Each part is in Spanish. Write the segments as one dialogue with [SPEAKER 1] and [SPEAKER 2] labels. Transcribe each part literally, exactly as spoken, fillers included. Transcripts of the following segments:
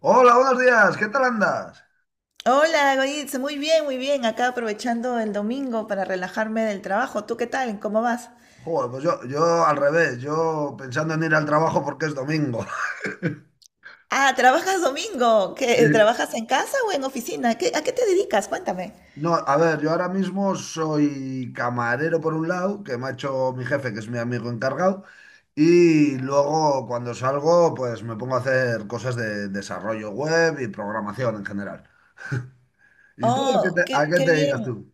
[SPEAKER 1] Hola, buenos días, ¿qué tal andas?
[SPEAKER 2] Hola, Goritz, muy bien, muy bien. Acá aprovechando el domingo para relajarme del trabajo. ¿Tú qué tal? ¿Cómo vas?
[SPEAKER 1] Joder, pues yo, yo al revés, yo pensando en ir al trabajo porque es domingo.
[SPEAKER 2] Ah, ¿trabajas domingo? ¿Qué,
[SPEAKER 1] Sí.
[SPEAKER 2] trabajas en casa o en oficina? ¿Qué- ¿a qué te dedicas? Cuéntame.
[SPEAKER 1] No, a ver, yo ahora mismo soy camarero por un lado, que me ha hecho mi jefe, que es mi amigo encargado, y luego cuando salgo, pues me pongo a hacer cosas de desarrollo web y programación en general. ¿Y tú a qué te,
[SPEAKER 2] Oh,
[SPEAKER 1] a
[SPEAKER 2] qué,
[SPEAKER 1] qué
[SPEAKER 2] qué
[SPEAKER 1] te dedicas
[SPEAKER 2] bien.
[SPEAKER 1] tú?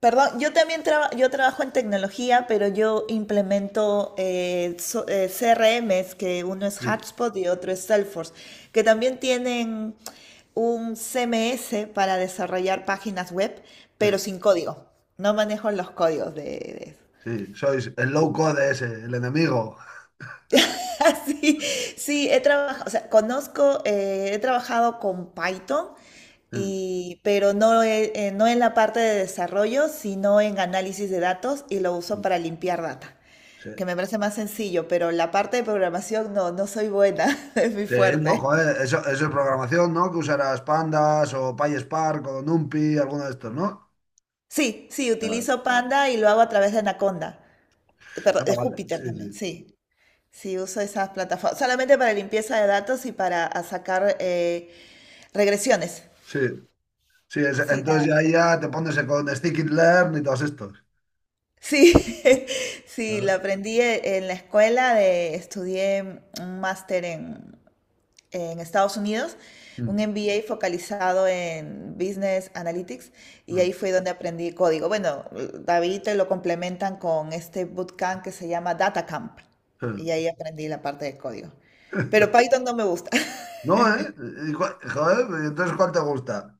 [SPEAKER 2] Perdón, yo también traba- yo trabajo en tecnología, pero yo implemento eh, so- eh, C R Ms, que uno es
[SPEAKER 1] Sí,
[SPEAKER 2] Hotspot y otro es Salesforce, que también tienen un C M S para desarrollar páginas web,
[SPEAKER 1] sí,
[SPEAKER 2] pero sin código. No manejo los códigos de, de-
[SPEAKER 1] sí, sois el low code ese, el enemigo.
[SPEAKER 2] Sí, sí, he trabajado, o sea, conozco, eh, he trabajado con Python, y, pero no, he- eh, no en la parte de desarrollo, sino en análisis de datos y lo uso
[SPEAKER 1] Sí,
[SPEAKER 2] para limpiar data,
[SPEAKER 1] sí.
[SPEAKER 2] que me parece más sencillo, pero la parte de programación no, no soy buena, es muy
[SPEAKER 1] Sí, no,
[SPEAKER 2] fuerte.
[SPEAKER 1] joder, eso, eso es programación, ¿no? Que usarás Pandas o PySpark o NumPy, alguno de estos, ¿no?
[SPEAKER 2] Sí, sí,
[SPEAKER 1] Ah,
[SPEAKER 2] utilizo Panda y lo hago a través de Anaconda, eh, perdón,
[SPEAKER 1] Ah,
[SPEAKER 2] de
[SPEAKER 1] vale,
[SPEAKER 2] Júpiter
[SPEAKER 1] sí,
[SPEAKER 2] también,
[SPEAKER 1] sí,
[SPEAKER 2] sí. Sí, uso esas plataformas, solamente para limpieza de datos y para a sacar eh, regresiones.
[SPEAKER 1] sí. Sí, es-
[SPEAKER 2] Sí,
[SPEAKER 1] entonces
[SPEAKER 2] nada.
[SPEAKER 1] ya, ahí ya te pones con Sticky Learn y todos estos.
[SPEAKER 2] Sí, sí, lo
[SPEAKER 1] Ah.
[SPEAKER 2] aprendí e- en la escuela, de, estudié un máster en en Estados Unidos, un
[SPEAKER 1] Mm,
[SPEAKER 2] M B A focalizado en Business Analytics y
[SPEAKER 1] mm,
[SPEAKER 2] ahí fue donde aprendí código. Bueno, David te lo complementan con este bootcamp que se llama Data Camp
[SPEAKER 1] sí.
[SPEAKER 2] y ahí aprendí la parte de código. Pero Python no me gusta.
[SPEAKER 1] No, ¿eh? Y cua- joder, ¿y entonces cuál te gusta?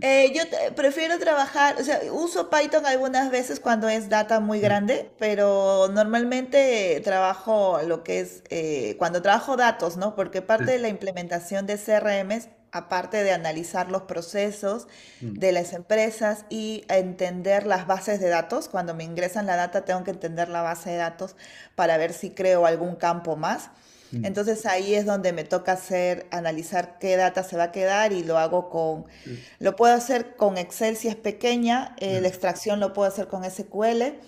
[SPEAKER 2] Eh, yo te- prefiero trabajar, o sea, uso Python algunas veces cuando es data muy
[SPEAKER 1] Sí,
[SPEAKER 2] grande, pero normalmente eh, trabajo lo que es, eh, cuando trabajo datos, ¿no? Porque parte de la
[SPEAKER 1] sí,
[SPEAKER 2] implementación de C R Ms, aparte de analizar los procesos
[SPEAKER 1] mm,
[SPEAKER 2] de las empresas y entender las bases de datos, cuando me ingresan la data tengo que entender la base de datos para ver si creo algún campo más.
[SPEAKER 1] mm,
[SPEAKER 2] Entonces ahí es donde me toca hacer, analizar qué data se va a quedar y lo hago con,
[SPEAKER 1] sí,
[SPEAKER 2] lo puedo hacer con Excel si es pequeña,
[SPEAKER 1] sí,
[SPEAKER 2] eh, la extracción lo puedo hacer con S Q L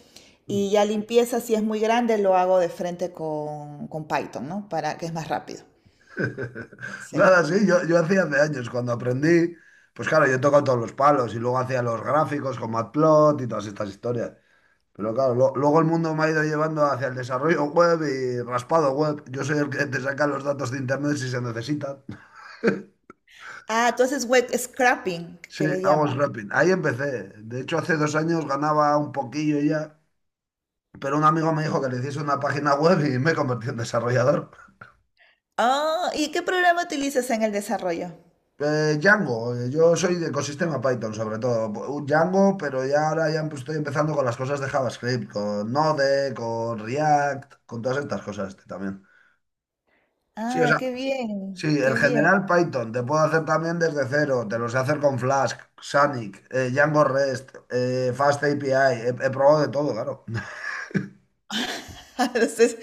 [SPEAKER 1] mm.
[SPEAKER 2] y ya limpieza si es muy grande lo hago de frente con, con Python, ¿no? Para que es más rápido. Sí.
[SPEAKER 1] Nada, sí, yo, yo hacía hace años cuando aprendí, pues claro, yo he tocado todos los palos y luego hacía los gráficos con Matplot y todas estas historias. Pero claro, lo- luego el mundo me ha ido llevando hacia el desarrollo web y raspado web. Yo soy el que te saca los datos de internet si se necesitan.
[SPEAKER 2] Ah, tú haces web scrapping,
[SPEAKER 1] Sí,
[SPEAKER 2] que le
[SPEAKER 1] hago
[SPEAKER 2] llaman.
[SPEAKER 1] scrapping. Ahí empecé. De hecho, hace dos años ganaba un poquillo ya, pero un amigo me dijo que le hiciese una página web y me convertí en desarrollador.
[SPEAKER 2] Ah, ¿y qué programa utilizas en el desarrollo?
[SPEAKER 1] Eh, Django, eh, yo soy de ecosistema Python sobre todo. Un Django, pero ya ahora ya empe- estoy empezando con las cosas de JavaScript, con Node, con React, con todas estas cosas este, también. Sí, o
[SPEAKER 2] Ah,
[SPEAKER 1] sea,
[SPEAKER 2] qué bien,
[SPEAKER 1] sí, el
[SPEAKER 2] qué bien.
[SPEAKER 1] general Python, te puedo hacer también desde cero, te lo sé hacer con Flask, Sonic, eh, Django REST, eh, Fast A P I, he, he probado de todo, claro.
[SPEAKER 2] Entonces,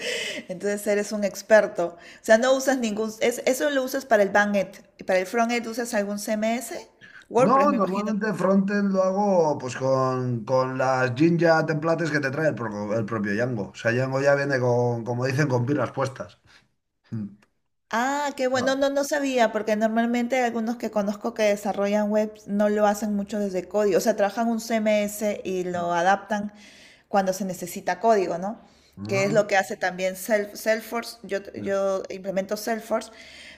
[SPEAKER 2] entonces eres un experto. O sea, no usas ningún, es- eso lo usas para el backend y para el frontend usas algún C M S, WordPress,
[SPEAKER 1] No,
[SPEAKER 2] me imagino.
[SPEAKER 1] normalmente frontend lo hago pues con, con las Jinja templates que te trae el, pro- el propio Django. O sea, Django ya viene con, como dicen, con pilas puestas. Mm,
[SPEAKER 2] Ah, qué bueno,
[SPEAKER 1] claro,
[SPEAKER 2] no, no sabía, porque normalmente hay algunos que conozco que desarrollan webs no lo hacen mucho desde código, o sea, trabajan un C M S y lo adaptan cuando se necesita código, ¿no? Que es
[SPEAKER 1] ah,
[SPEAKER 2] lo que hace también Self- Salesforce, yo,
[SPEAKER 1] sí.
[SPEAKER 2] yo implemento Salesforce,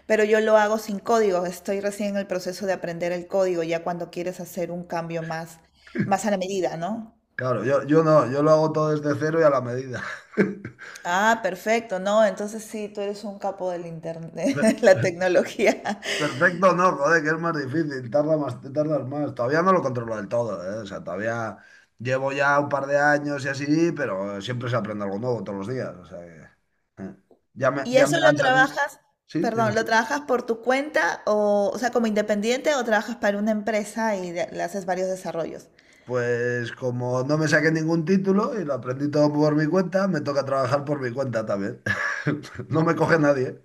[SPEAKER 2] pero yo lo hago sin código, estoy recién en el proceso de aprender el código, ya cuando quieres hacer un cambio más, más a la medida, ¿no?
[SPEAKER 1] Claro, yo, yo no, yo lo hago todo desde cero y a la medida.
[SPEAKER 2] Ah, perfecto, no, entonces sí, tú eres un capo del internet, la tecnología.
[SPEAKER 1] Perfecto, no, joder, que es más difícil, tarda más, te tardas más. Todavía no lo controlo del todo, ¿eh? O sea, todavía llevo ya un par de años y así, pero siempre se aprende algo nuevo todos los días. O sea que, eh. Ya me,
[SPEAKER 2] ¿Y
[SPEAKER 1] ya me
[SPEAKER 2] eso lo
[SPEAKER 1] han salido.
[SPEAKER 2] trabajas,
[SPEAKER 1] Sí,
[SPEAKER 2] perdón,
[SPEAKER 1] dime.
[SPEAKER 2] lo trabajas por tu cuenta o, o sea, como independiente o trabajas para una empresa y de- le haces varios desarrollos?
[SPEAKER 1] Pues como no me saqué ningún título y lo aprendí todo por mi cuenta, me toca trabajar por mi cuenta también. No me coge nadie.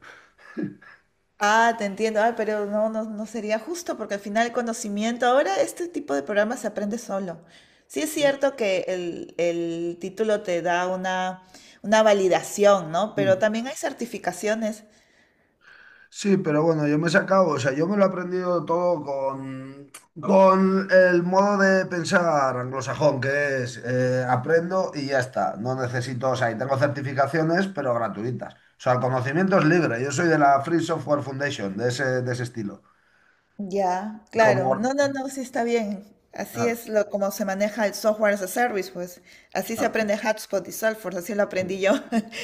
[SPEAKER 2] Ah, te entiendo, ah, pero no, no, no sería justo porque al final el conocimiento, ahora este tipo de programas se aprende solo. Sí es cierto que el, el título te da una, una validación, ¿no? Pero también hay certificaciones.
[SPEAKER 1] Sí, pero bueno, yo me he sacado, o sea, yo me lo he aprendido todo con, con el modo de pensar anglosajón, que es eh, aprendo y ya está. No necesito, o sea, y tengo certificaciones, pero gratuitas. O sea, el conocimiento es libre. Yo soy de la Free Software Foundation, de ese, de ese estilo.
[SPEAKER 2] Ya,
[SPEAKER 1] Y
[SPEAKER 2] claro.
[SPEAKER 1] como,
[SPEAKER 2] No, no, no, sí está bien. Así
[SPEAKER 1] claro,
[SPEAKER 2] es lo, como se maneja el software as a service, pues. Así se
[SPEAKER 1] claro,
[SPEAKER 2] aprende HubSpot y Salesforce, así lo
[SPEAKER 1] sí,
[SPEAKER 2] aprendí yo.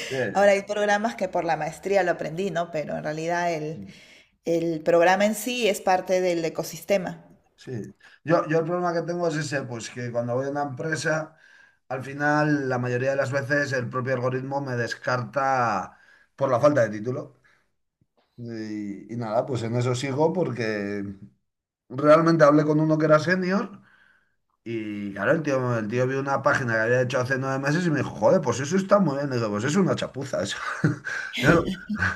[SPEAKER 1] sí,
[SPEAKER 2] Ahora hay programas que por la maestría lo aprendí, ¿no? Pero en realidad el,
[SPEAKER 1] sí.
[SPEAKER 2] el programa en sí es parte del ecosistema.
[SPEAKER 1] Sí. Yo, yo el problema que tengo es ese, pues que cuando voy a una empresa. Al final, la mayoría de las veces el propio algoritmo me descarta por la falta de título. Y, y nada, pues en eso sigo porque realmente hablé con uno que era senior y claro, el tío, el tío vio una página que había hecho hace nueve meses y me dijo, joder, pues eso está muy bien. Y digo, pues es una chapuza eso.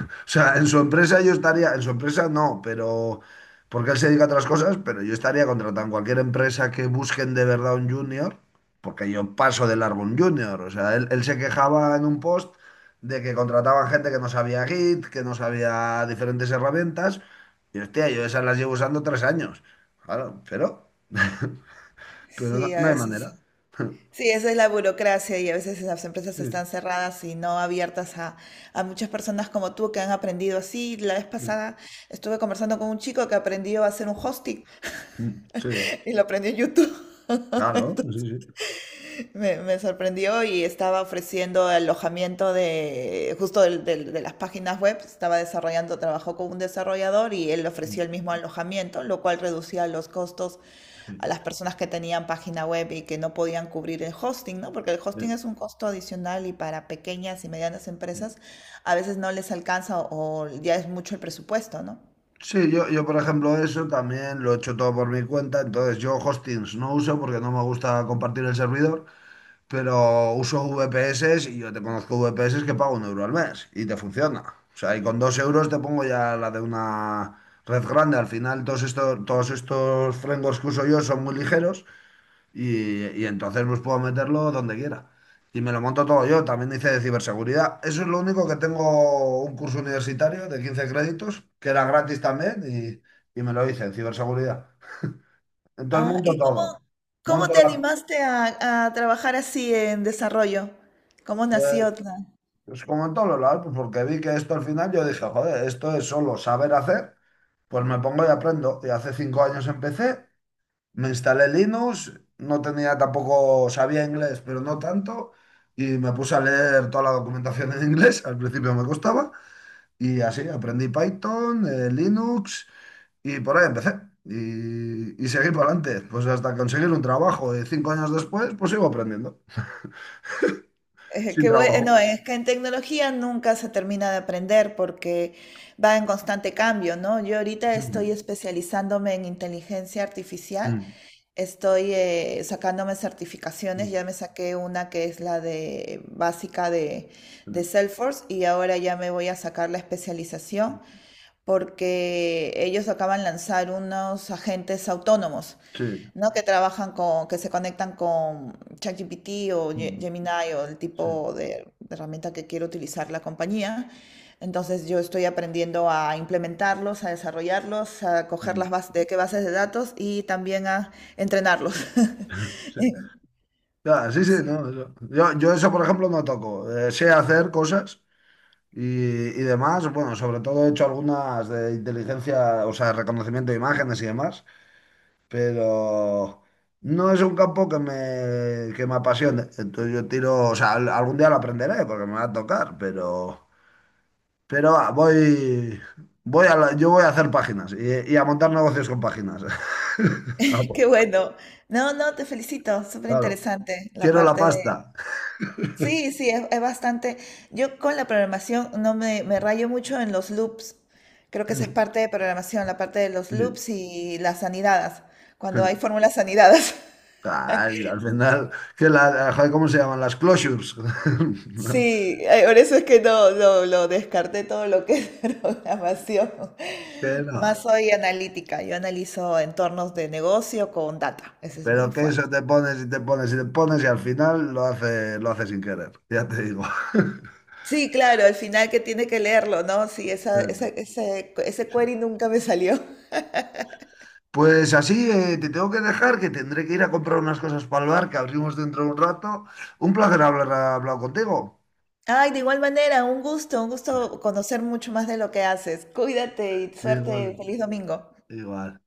[SPEAKER 1] O sea, en su empresa yo estaría, en su empresa no, pero porque él se dedica a otras cosas, pero yo estaría contratando cualquier empresa que busquen de verdad un junior, porque yo paso de largo un junior. O sea, él, él se quejaba en un post de que contrataban gente que no sabía Git, que no sabía diferentes herramientas, y hostia, yo esas las llevo usando tres años. Claro, pero, pero no,
[SPEAKER 2] Sí, a
[SPEAKER 1] no hay manera.
[SPEAKER 2] veces. Sí, esa es la burocracia y a veces las empresas
[SPEAKER 1] Sí,
[SPEAKER 2] están cerradas y no abiertas a, a muchas personas como tú que han aprendido así. La vez
[SPEAKER 1] sí,
[SPEAKER 2] pasada estuve conversando con un chico que aprendió a hacer un hosting
[SPEAKER 1] sí,
[SPEAKER 2] y lo aprendió en YouTube.
[SPEAKER 1] claro, sí, sí.
[SPEAKER 2] Me, me sorprendió y estaba ofreciendo alojamiento de, justo del- del- de, las páginas web, estaba desarrollando, trabajó con un desarrollador y él ofreció el mismo alojamiento, lo cual reducía los costos
[SPEAKER 1] Sí,
[SPEAKER 2] a las personas que tenían página web y que no podían cubrir el hosting, ¿no? Porque el hosting es un costo adicional y para pequeñas y medianas
[SPEAKER 1] sí.
[SPEAKER 2] empresas a veces no les alcanza o, o ya es mucho el presupuesto, ¿no?
[SPEAKER 1] Sí, yo, yo por ejemplo eso también lo he hecho todo por mi cuenta, entonces yo hostings no uso porque no me gusta compartir el servidor, pero uso V P S y yo te conozco V P S que pago un euro al mes y te funciona. O sea, y con dos euros te pongo ya la de una red grande. Al final todos estos, todos estos frameworks que uso yo son muy ligeros y, y entonces pues puedo meterlo donde quiera. Y me lo monto todo yo. También hice de ciberseguridad. Eso es lo único que tengo un curso universitario de quince créditos, que era gratis también, y, y me lo hice en ciberseguridad. Entonces
[SPEAKER 2] Ah,
[SPEAKER 1] monto
[SPEAKER 2] ¿y cómo,
[SPEAKER 1] todo.
[SPEAKER 2] cómo
[SPEAKER 1] Monto
[SPEAKER 2] te
[SPEAKER 1] la,
[SPEAKER 2] animaste a, a trabajar así en desarrollo? ¿Cómo
[SPEAKER 1] eh,
[SPEAKER 2] nació?
[SPEAKER 1] pues como en todos los lados, pues porque vi que esto al final yo dije, joder, esto es solo saber hacer, pues me pongo y aprendo. Y hace cinco años empecé. Me instalé Linux, no tenía tampoco, sabía inglés, pero no tanto, y me puse a leer toda la documentación en inglés, al principio me costaba, y así aprendí Python, eh, Linux, y por ahí empecé. Y, y seguí para adelante, pues hasta conseguir un trabajo. Y cinco años después, pues sigo aprendiendo,
[SPEAKER 2] Eh,
[SPEAKER 1] sin
[SPEAKER 2] Qué bue-
[SPEAKER 1] trabajo.
[SPEAKER 2] no, es que en tecnología nunca se termina de aprender porque va en constante cambio, ¿no? Yo ahorita estoy
[SPEAKER 1] Mm,
[SPEAKER 2] especializándome en inteligencia artificial,
[SPEAKER 1] mm,
[SPEAKER 2] estoy eh, sacándome certificaciones,
[SPEAKER 1] mm,
[SPEAKER 2] ya me saqué una que es la de básica de, de
[SPEAKER 1] mm,
[SPEAKER 2] Salesforce y ahora ya me voy a sacar la especialización
[SPEAKER 1] mm.
[SPEAKER 2] porque ellos acaban de lanzar unos agentes autónomos,
[SPEAKER 1] Sí,
[SPEAKER 2] ¿no? Que trabajan con, que se conectan con ChatGPT o Ge-
[SPEAKER 1] mm,
[SPEAKER 2] Gemini o el
[SPEAKER 1] sí,
[SPEAKER 2] tipo de herramienta que quiere utilizar la compañía. Entonces yo estoy aprendiendo a implementarlos, a desarrollarlos, a coger
[SPEAKER 1] mm,
[SPEAKER 2] las bases de qué bases de datos y también a entrenarlos.
[SPEAKER 1] sí. Ya, sí, sí,
[SPEAKER 2] Sí.
[SPEAKER 1] no, eso. Yo, yo eso, por ejemplo, no toco. Eh, sé hacer cosas. Y, y demás, bueno, sobre todo he hecho algunas de inteligencia, o sea, reconocimiento de imágenes y demás, pero no es un campo que me, que me apasione. Entonces yo tiro, o sea, al- algún día lo aprenderé porque me va a tocar, pero, pero ah, voy, voy a la- yo voy a hacer páginas y, y a montar negocios con páginas. Ah, pues,
[SPEAKER 2] Qué bueno. No, no, te felicito. Súper
[SPEAKER 1] claro,
[SPEAKER 2] interesante la
[SPEAKER 1] quiero la
[SPEAKER 2] parte.
[SPEAKER 1] pasta.
[SPEAKER 2] Sí, sí, es, es bastante. Yo con la programación no me, me rayo mucho en los loops. Creo que esa es parte de programación, la parte de los
[SPEAKER 1] Sí.
[SPEAKER 2] loops y las anidadas, cuando hay fórmulas anidadas.
[SPEAKER 1] Ah, al final, que la, joder, ¿cómo se llaman? Las closures.
[SPEAKER 2] Sí, eh, por eso es que no, no, lo descarté todo lo que es programación.
[SPEAKER 1] Que no.
[SPEAKER 2] Más soy analítica, yo analizo entornos de negocio con data, ese es mi
[SPEAKER 1] Pero que eso
[SPEAKER 2] fuerte.
[SPEAKER 1] te pones y te pones y te pones y al final lo hace, lo hace sin querer, ya te digo.
[SPEAKER 2] Sí, claro, al final que tiene que leerlo, ¿no? Sí, esa, esa- ese, ese
[SPEAKER 1] Sí.
[SPEAKER 2] query nunca me salió.
[SPEAKER 1] Pues así eh, te tengo que dejar, que tendré que ir a comprar unas cosas para el bar que abrimos dentro de un rato. Un placer hablar, hablar contigo.
[SPEAKER 2] Ay, de igual manera, un gusto, un gusto conocer mucho más de lo que haces. Cuídate y suerte,
[SPEAKER 1] Igual,
[SPEAKER 2] feliz domingo.
[SPEAKER 1] igual.